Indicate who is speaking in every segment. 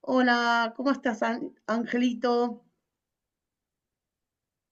Speaker 1: Hola, ¿cómo estás, Angelito?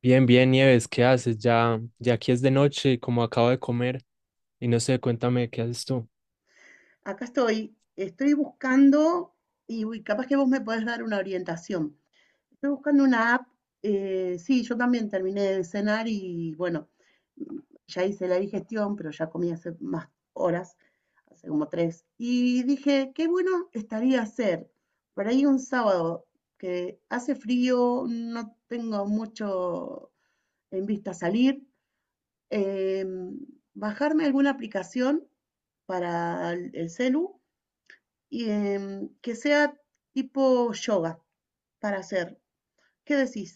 Speaker 2: Bien, bien, Nieves, ¿qué haces? Ya, ya aquí es de noche, y como acabo de comer, y no sé, cuéntame, ¿qué haces tú?
Speaker 1: Acá estoy. Estoy buscando. Uy, capaz que vos me podés dar una orientación. Estoy buscando una app. Sí, yo también terminé de cenar y bueno, mm, ya hice la digestión, pero ya comí hace más horas, hace como tres. Y dije, qué bueno estaría hacer por ahí un sábado que hace frío, no tengo mucho en vista salir. em, Bajarme alguna aplicación para el celu y que sea tipo yoga para hacer. ¿Qué decís?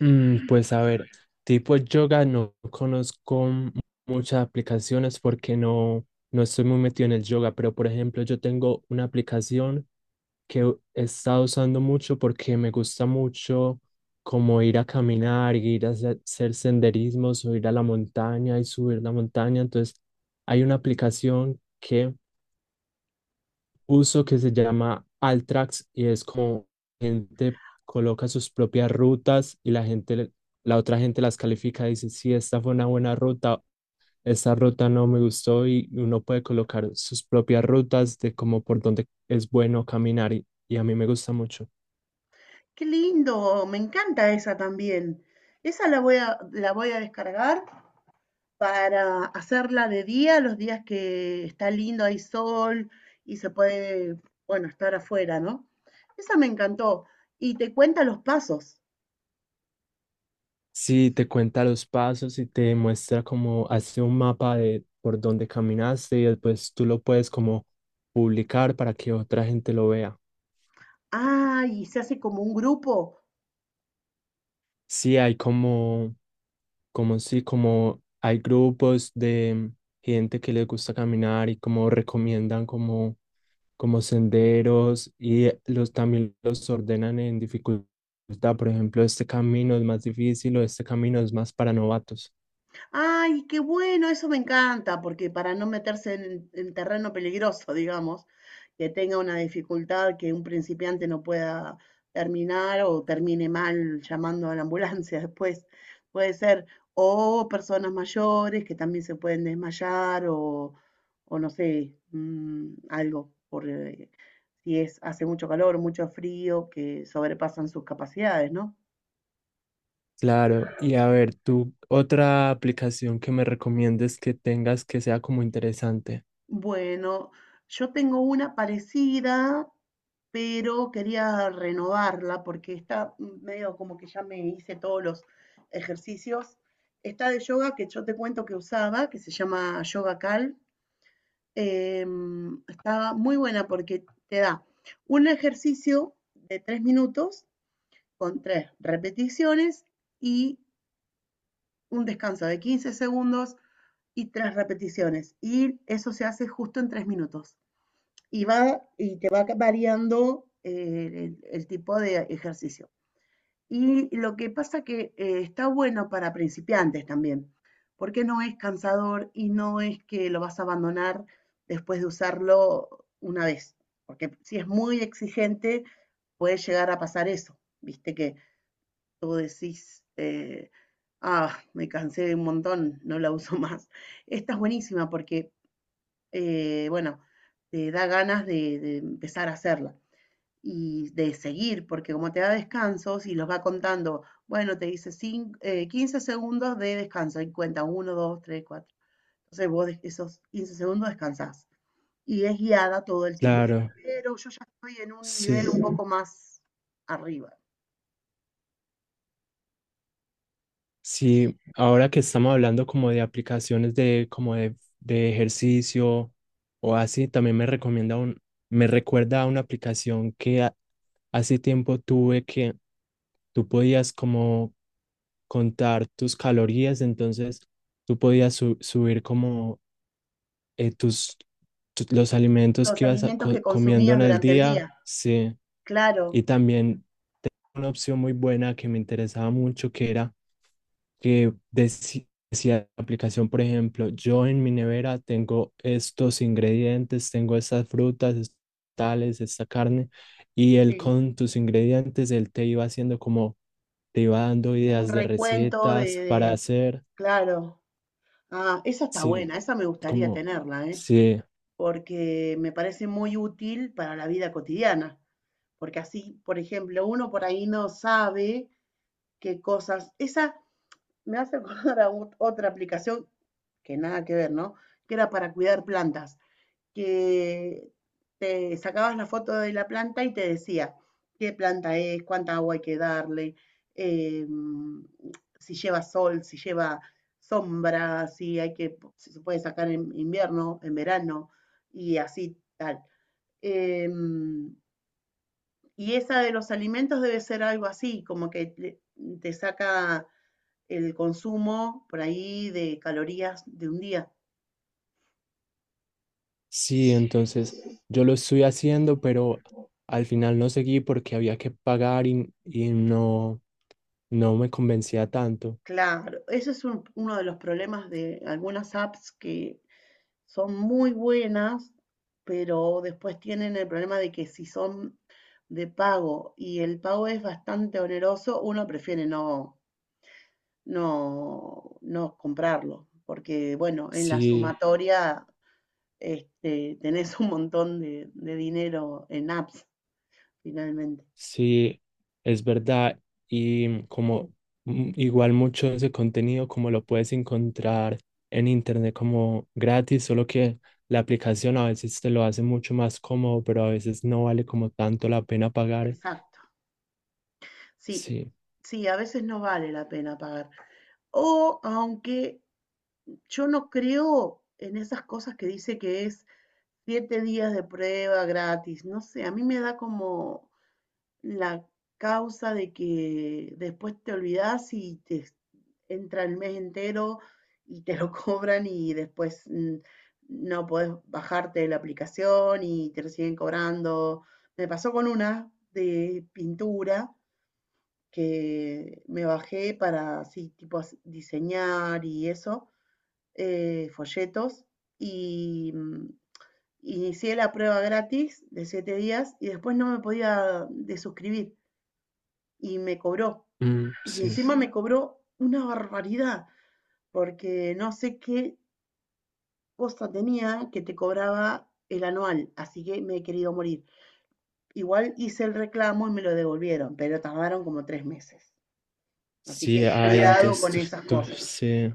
Speaker 2: Mm, pues a ver, tipo yoga no conozco muchas aplicaciones porque no estoy muy metido en el yoga, pero por ejemplo, yo tengo una aplicación que he estado usando mucho porque me gusta mucho como ir a caminar, ir a hacer senderismos o ir a la montaña y subir la montaña. Entonces, hay una aplicación que uso que se llama Altrax y es como gente coloca sus propias rutas y la otra gente las califica y dice, sí, esta fue una buena ruta, esta ruta no me gustó y uno puede colocar sus propias rutas de como por dónde es bueno caminar y a mí me gusta mucho.
Speaker 1: Qué lindo, me encanta esa también. Esa la voy a descargar para hacerla de día, los días que está lindo, hay sol y se puede, bueno, estar afuera, ¿no? Esa me encantó. Y te cuenta los pasos.
Speaker 2: Sí, te cuenta los pasos y te muestra como hace un mapa de por dónde caminaste y después tú lo puedes como publicar para que otra gente lo vea.
Speaker 1: Ah, y se hace como un grupo.
Speaker 2: Sí, hay como como si, como hay grupos de gente que les gusta caminar y como recomiendan como senderos y los también los ordenan en dificultad. Por ejemplo, este camino es más difícil o este camino es más para novatos.
Speaker 1: Ay, qué bueno, eso me encanta, porque para no meterse en terreno peligroso, digamos, que tenga una dificultad que un principiante no pueda terminar o termine mal llamando a la ambulancia después, puede ser, o personas mayores que también se pueden desmayar o no sé, mm, algo, por, si es, hace mucho calor, mucho frío, que sobrepasan sus capacidades, ¿no?
Speaker 2: Claro, y a ver, tú, otra aplicación que me recomiendes que tengas que sea como interesante.
Speaker 1: Bueno, yo tengo una parecida, pero quería renovarla porque está medio como que ya me hice todos los ejercicios. Está de yoga que yo te cuento que usaba, que se llama Yoga Cal. Está muy buena porque te da un ejercicio de 3 minutos con 3 repeticiones y un descanso de 15 segundos y 3 repeticiones. Y eso se hace justo en 3 minutos. Y te va variando el, tipo de ejercicio. Y lo que pasa que está bueno para principiantes también, porque no es cansador y no es que lo vas a abandonar después de usarlo una vez, porque si es muy exigente puede llegar a pasar eso, viste que tú decís, ah, me cansé de un montón, no la uso más. Esta es buenísima porque bueno, te da ganas de empezar a hacerla y de seguir, porque como te da descansos y los va contando, bueno, te dice 15 segundos de descanso y cuenta uno 2 3 cuatro. Entonces vos esos 15 segundos descansás y es guiada todo el tiempo.
Speaker 2: Claro,
Speaker 1: Pero yo ya estoy en un nivel
Speaker 2: sí.
Speaker 1: un poco más arriba.
Speaker 2: Sí, ahora que estamos hablando como de aplicaciones de como de ejercicio o así, también me recomienda me recuerda a una aplicación que hace tiempo tuve que tú podías como contar tus calorías, entonces tú podías subir como eh, tus, los alimentos
Speaker 1: Los
Speaker 2: que ibas a
Speaker 1: alimentos que
Speaker 2: comiendo
Speaker 1: consumías
Speaker 2: en el
Speaker 1: durante el
Speaker 2: día,
Speaker 1: día,
Speaker 2: sí,
Speaker 1: claro,
Speaker 2: y también una opción muy buena que me interesaba mucho, que era que decía la aplicación, por ejemplo, yo en mi nevera tengo estos ingredientes, tengo estas frutas, estos tales, esta carne, y él
Speaker 1: sí.
Speaker 2: con tus ingredientes, él te iba haciendo como, te iba dando
Speaker 1: Un
Speaker 2: ideas de
Speaker 1: recuento de,
Speaker 2: recetas para
Speaker 1: de-
Speaker 2: hacer,
Speaker 1: Claro. Ah, esa está
Speaker 2: sí,
Speaker 1: buena, esa me gustaría
Speaker 2: como,
Speaker 1: tenerla, ¿eh?
Speaker 2: sí,
Speaker 1: Porque me parece muy útil para la vida cotidiana. Porque así, por ejemplo, uno por ahí no sabe qué cosas. Esa me hace acordar a otra aplicación que nada que ver, ¿no? Que era para cuidar plantas que te sacabas la foto de la planta y te decía qué planta es, cuánta agua hay que darle, eh, si lleva sol, si lleva sombra, si hay que, si se puede sacar en invierno, en verano, y así tal. Eh, y esa de los alimentos debe ser algo así, como que te saca el consumo por ahí de calorías de un día.
Speaker 2: sí, entonces yo lo estoy haciendo, pero al final no seguí porque había que pagar y no. No me convencía tanto.
Speaker 1: Claro, eso es uno de los problemas de algunas apps que son muy buenas, pero después tienen el problema de que si son de pago y el pago es bastante oneroso, uno prefiere no comprarlo, porque bueno, en la
Speaker 2: Sí,
Speaker 1: sumatoria este, tenés un montón de dinero en apps, finalmente.
Speaker 2: sí, es verdad. Y mm, como mm, igual mucho de ese contenido, como lo puedes encontrar en internet como gratis, solo que la aplicación a veces te lo hace mucho más cómodo, pero a veces no vale como tanto la pena pagar.
Speaker 1: Exacto. Sí,
Speaker 2: Sí,
Speaker 1: sí, a veces no vale la pena pagar. O aunque yo no creo en esas cosas que dice que es 7 días de prueba gratis. No sé, a mí me da como la causa de que después te olvidas y te entra el mes entero y te lo cobran y después mm, no podés bajarte de la aplicación y te lo siguen cobrando. Me pasó con una de pintura que me bajé para así, diseñar y eso, folletos y mm, inicié la prueba gratis de 7 días y después no me podía desuscribir y me cobró.
Speaker 2: mm,
Speaker 1: Y
Speaker 2: sí,
Speaker 1: encima me cobró una barbaridad porque no sé qué cosa tenía que te cobraba el anual, así que me he querido morir. Igual hice el reclamo y me lo devolvieron, pero tardaron como 3 meses. Así
Speaker 2: sí,
Speaker 1: que
Speaker 2: hay,
Speaker 1: cuidado
Speaker 2: entonces
Speaker 1: con esas
Speaker 2: tú
Speaker 1: cosas.
Speaker 2: sí.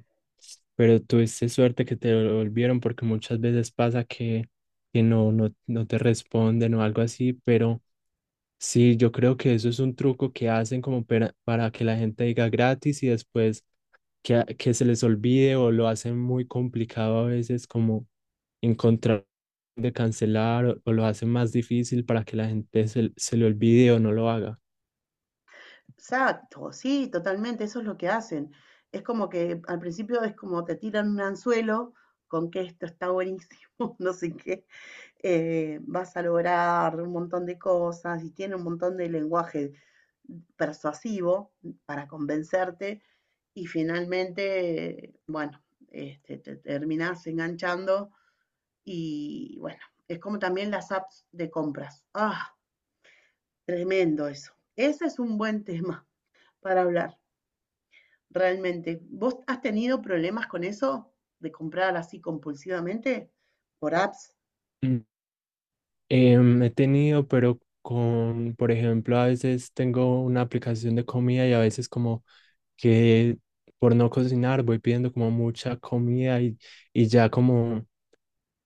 Speaker 2: Pero tuviste suerte que te volvieron porque muchas veces pasa que no te responden o algo así, pero sí, yo creo que eso es un truco que hacen como para que la gente diga gratis y después que, que se les olvide o lo hacen muy complicado a veces como encontrar de cancelar o lo hacen más difícil para que la gente se le olvide o no lo haga.
Speaker 1: Exacto, sí, totalmente, eso es lo que hacen. Es como que al principio es como te tiran un anzuelo con que esto está buenísimo, no sé qué, vas a lograr un montón de cosas y tiene un montón de lenguaje persuasivo para convencerte y finalmente, bueno, este, te terminás enganchando y bueno, es como también las apps de compras. Ah, tremendo eso. Ese es un buen tema para hablar. Realmente. ¿Vos has tenido problemas con eso de comprar así compulsivamente por apps?
Speaker 2: Mm. Em, he tenido, pero con, por ejemplo, a veces tengo una aplicación de comida y a veces como que por no cocinar voy pidiendo como mucha comida y ya como...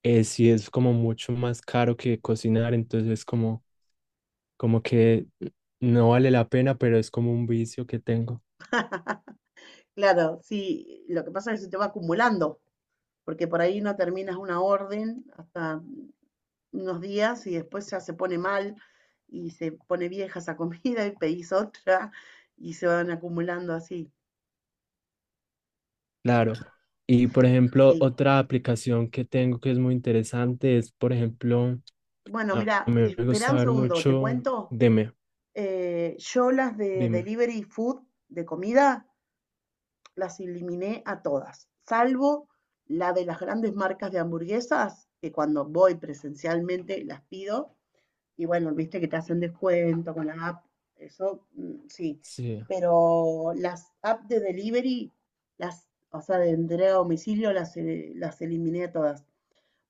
Speaker 2: sí es como mucho más caro que cocinar, entonces como, como que no vale la pena, pero es como un vicio que tengo.
Speaker 1: Claro, sí, lo que pasa es que se te va acumulando, porque por ahí no terminas una orden hasta unos días y después ya se pone mal y se pone vieja esa comida y pedís otra y se van acumulando así.
Speaker 2: Claro. Y por ejemplo,
Speaker 1: Sí.
Speaker 2: otra aplicación que tengo que es muy interesante es, por ejemplo,
Speaker 1: Bueno,
Speaker 2: a
Speaker 1: mira,
Speaker 2: mí me
Speaker 1: espera
Speaker 2: gusta
Speaker 1: un
Speaker 2: ver
Speaker 1: segundo, te
Speaker 2: mucho,
Speaker 1: cuento.
Speaker 2: dime,
Speaker 1: Yo las de
Speaker 2: dime.
Speaker 1: delivery food, de comida, las eliminé a todas, salvo la de las grandes marcas de hamburguesas, que cuando voy presencialmente las pido, y bueno, viste que te hacen descuento con la app, eso mm, sí,
Speaker 2: Sí,
Speaker 1: pero las apps de delivery, las, o sea, de entrega a domicilio, las eliminé a todas,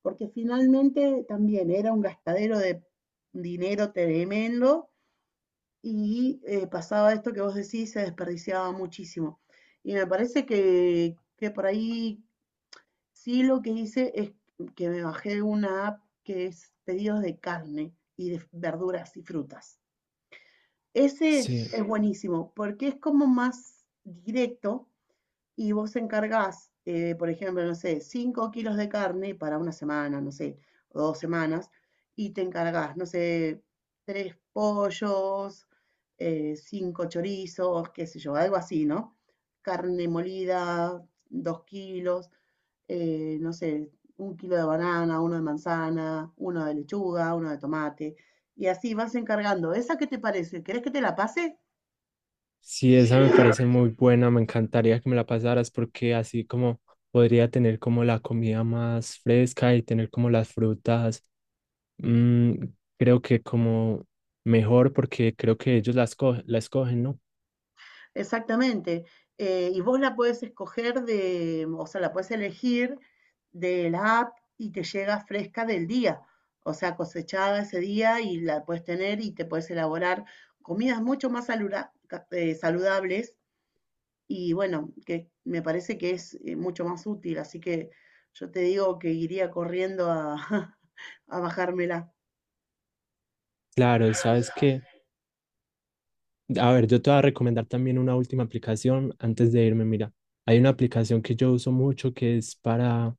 Speaker 1: porque finalmente también era un gastadero de dinero tremendo y pasaba esto que vos decís, se desperdiciaba muchísimo. Y me parece que por ahí sí, lo que hice es que me bajé una app que es pedidos de carne y de verduras y frutas. Ese
Speaker 2: sí.
Speaker 1: es buenísimo porque es como más directo y vos encargás, por ejemplo, no sé, 5 kilos de carne para una semana, no sé, o 2 semanas, y te encargás, no sé, 3 pollos, 5 chorizos, qué sé yo, algo así, ¿no? Carne molida, 2 kilos, no sé, 1 kilo de banana, uno de manzana, uno de lechuga, uno de tomate, y así vas encargando. ¿Esa qué te parece? ¿Querés que te la pase?
Speaker 2: Sí, esa me parece muy buena, me encantaría que me la pasaras porque así como podría tener como la comida más fresca y tener como las frutas. Mm, creo que como mejor porque creo que ellos la escogen, ¿no?
Speaker 1: Exactamente. Y vos la puedes escoger de, o sea, la puedes elegir de la app y te llega fresca del día, o sea, cosechada ese día y la puedes tener y te puedes elaborar comidas mucho más saludables y bueno, que me parece que es mucho más útil, así que yo te digo que iría corriendo a, a bajármela.
Speaker 2: Claro, sabes que, a ver, yo te voy a recomendar también una última aplicación antes de irme. Mira, hay una aplicación que yo uso mucho que es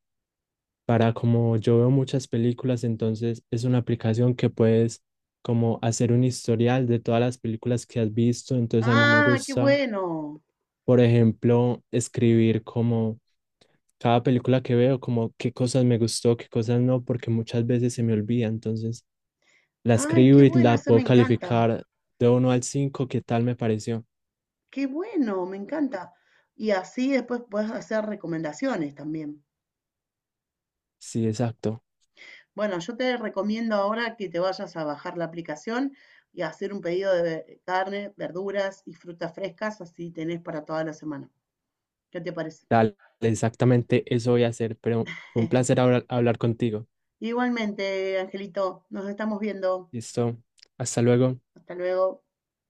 Speaker 2: para como yo veo muchas películas, entonces es una aplicación que puedes como hacer un historial de todas las películas que has visto, entonces a mí me
Speaker 1: Ah, qué
Speaker 2: gusta.
Speaker 1: bueno.
Speaker 2: Por ejemplo, escribir como cada película que veo, como qué cosas me gustó, qué cosas no, porque muchas veces se me olvida. Entonces, la
Speaker 1: Ay, qué
Speaker 2: escribo y
Speaker 1: bueno,
Speaker 2: la
Speaker 1: esa me
Speaker 2: puedo
Speaker 1: encanta.
Speaker 2: calificar de uno al 5 qué tal me pareció.
Speaker 1: Qué bueno, me encanta. Y así después puedes hacer recomendaciones también.
Speaker 2: Sí, exacto.
Speaker 1: Bueno, yo te recomiendo ahora que te vayas a bajar la aplicación y hacer un pedido de carne, verduras y frutas frescas, así tenés para toda la semana. ¿Qué te parece?
Speaker 2: Dale, exactamente eso voy a hacer, pero fue un placer hablar contigo.
Speaker 1: Igualmente, Angelito, nos estamos viendo.
Speaker 2: Listo. Hasta luego.
Speaker 1: Hasta luego.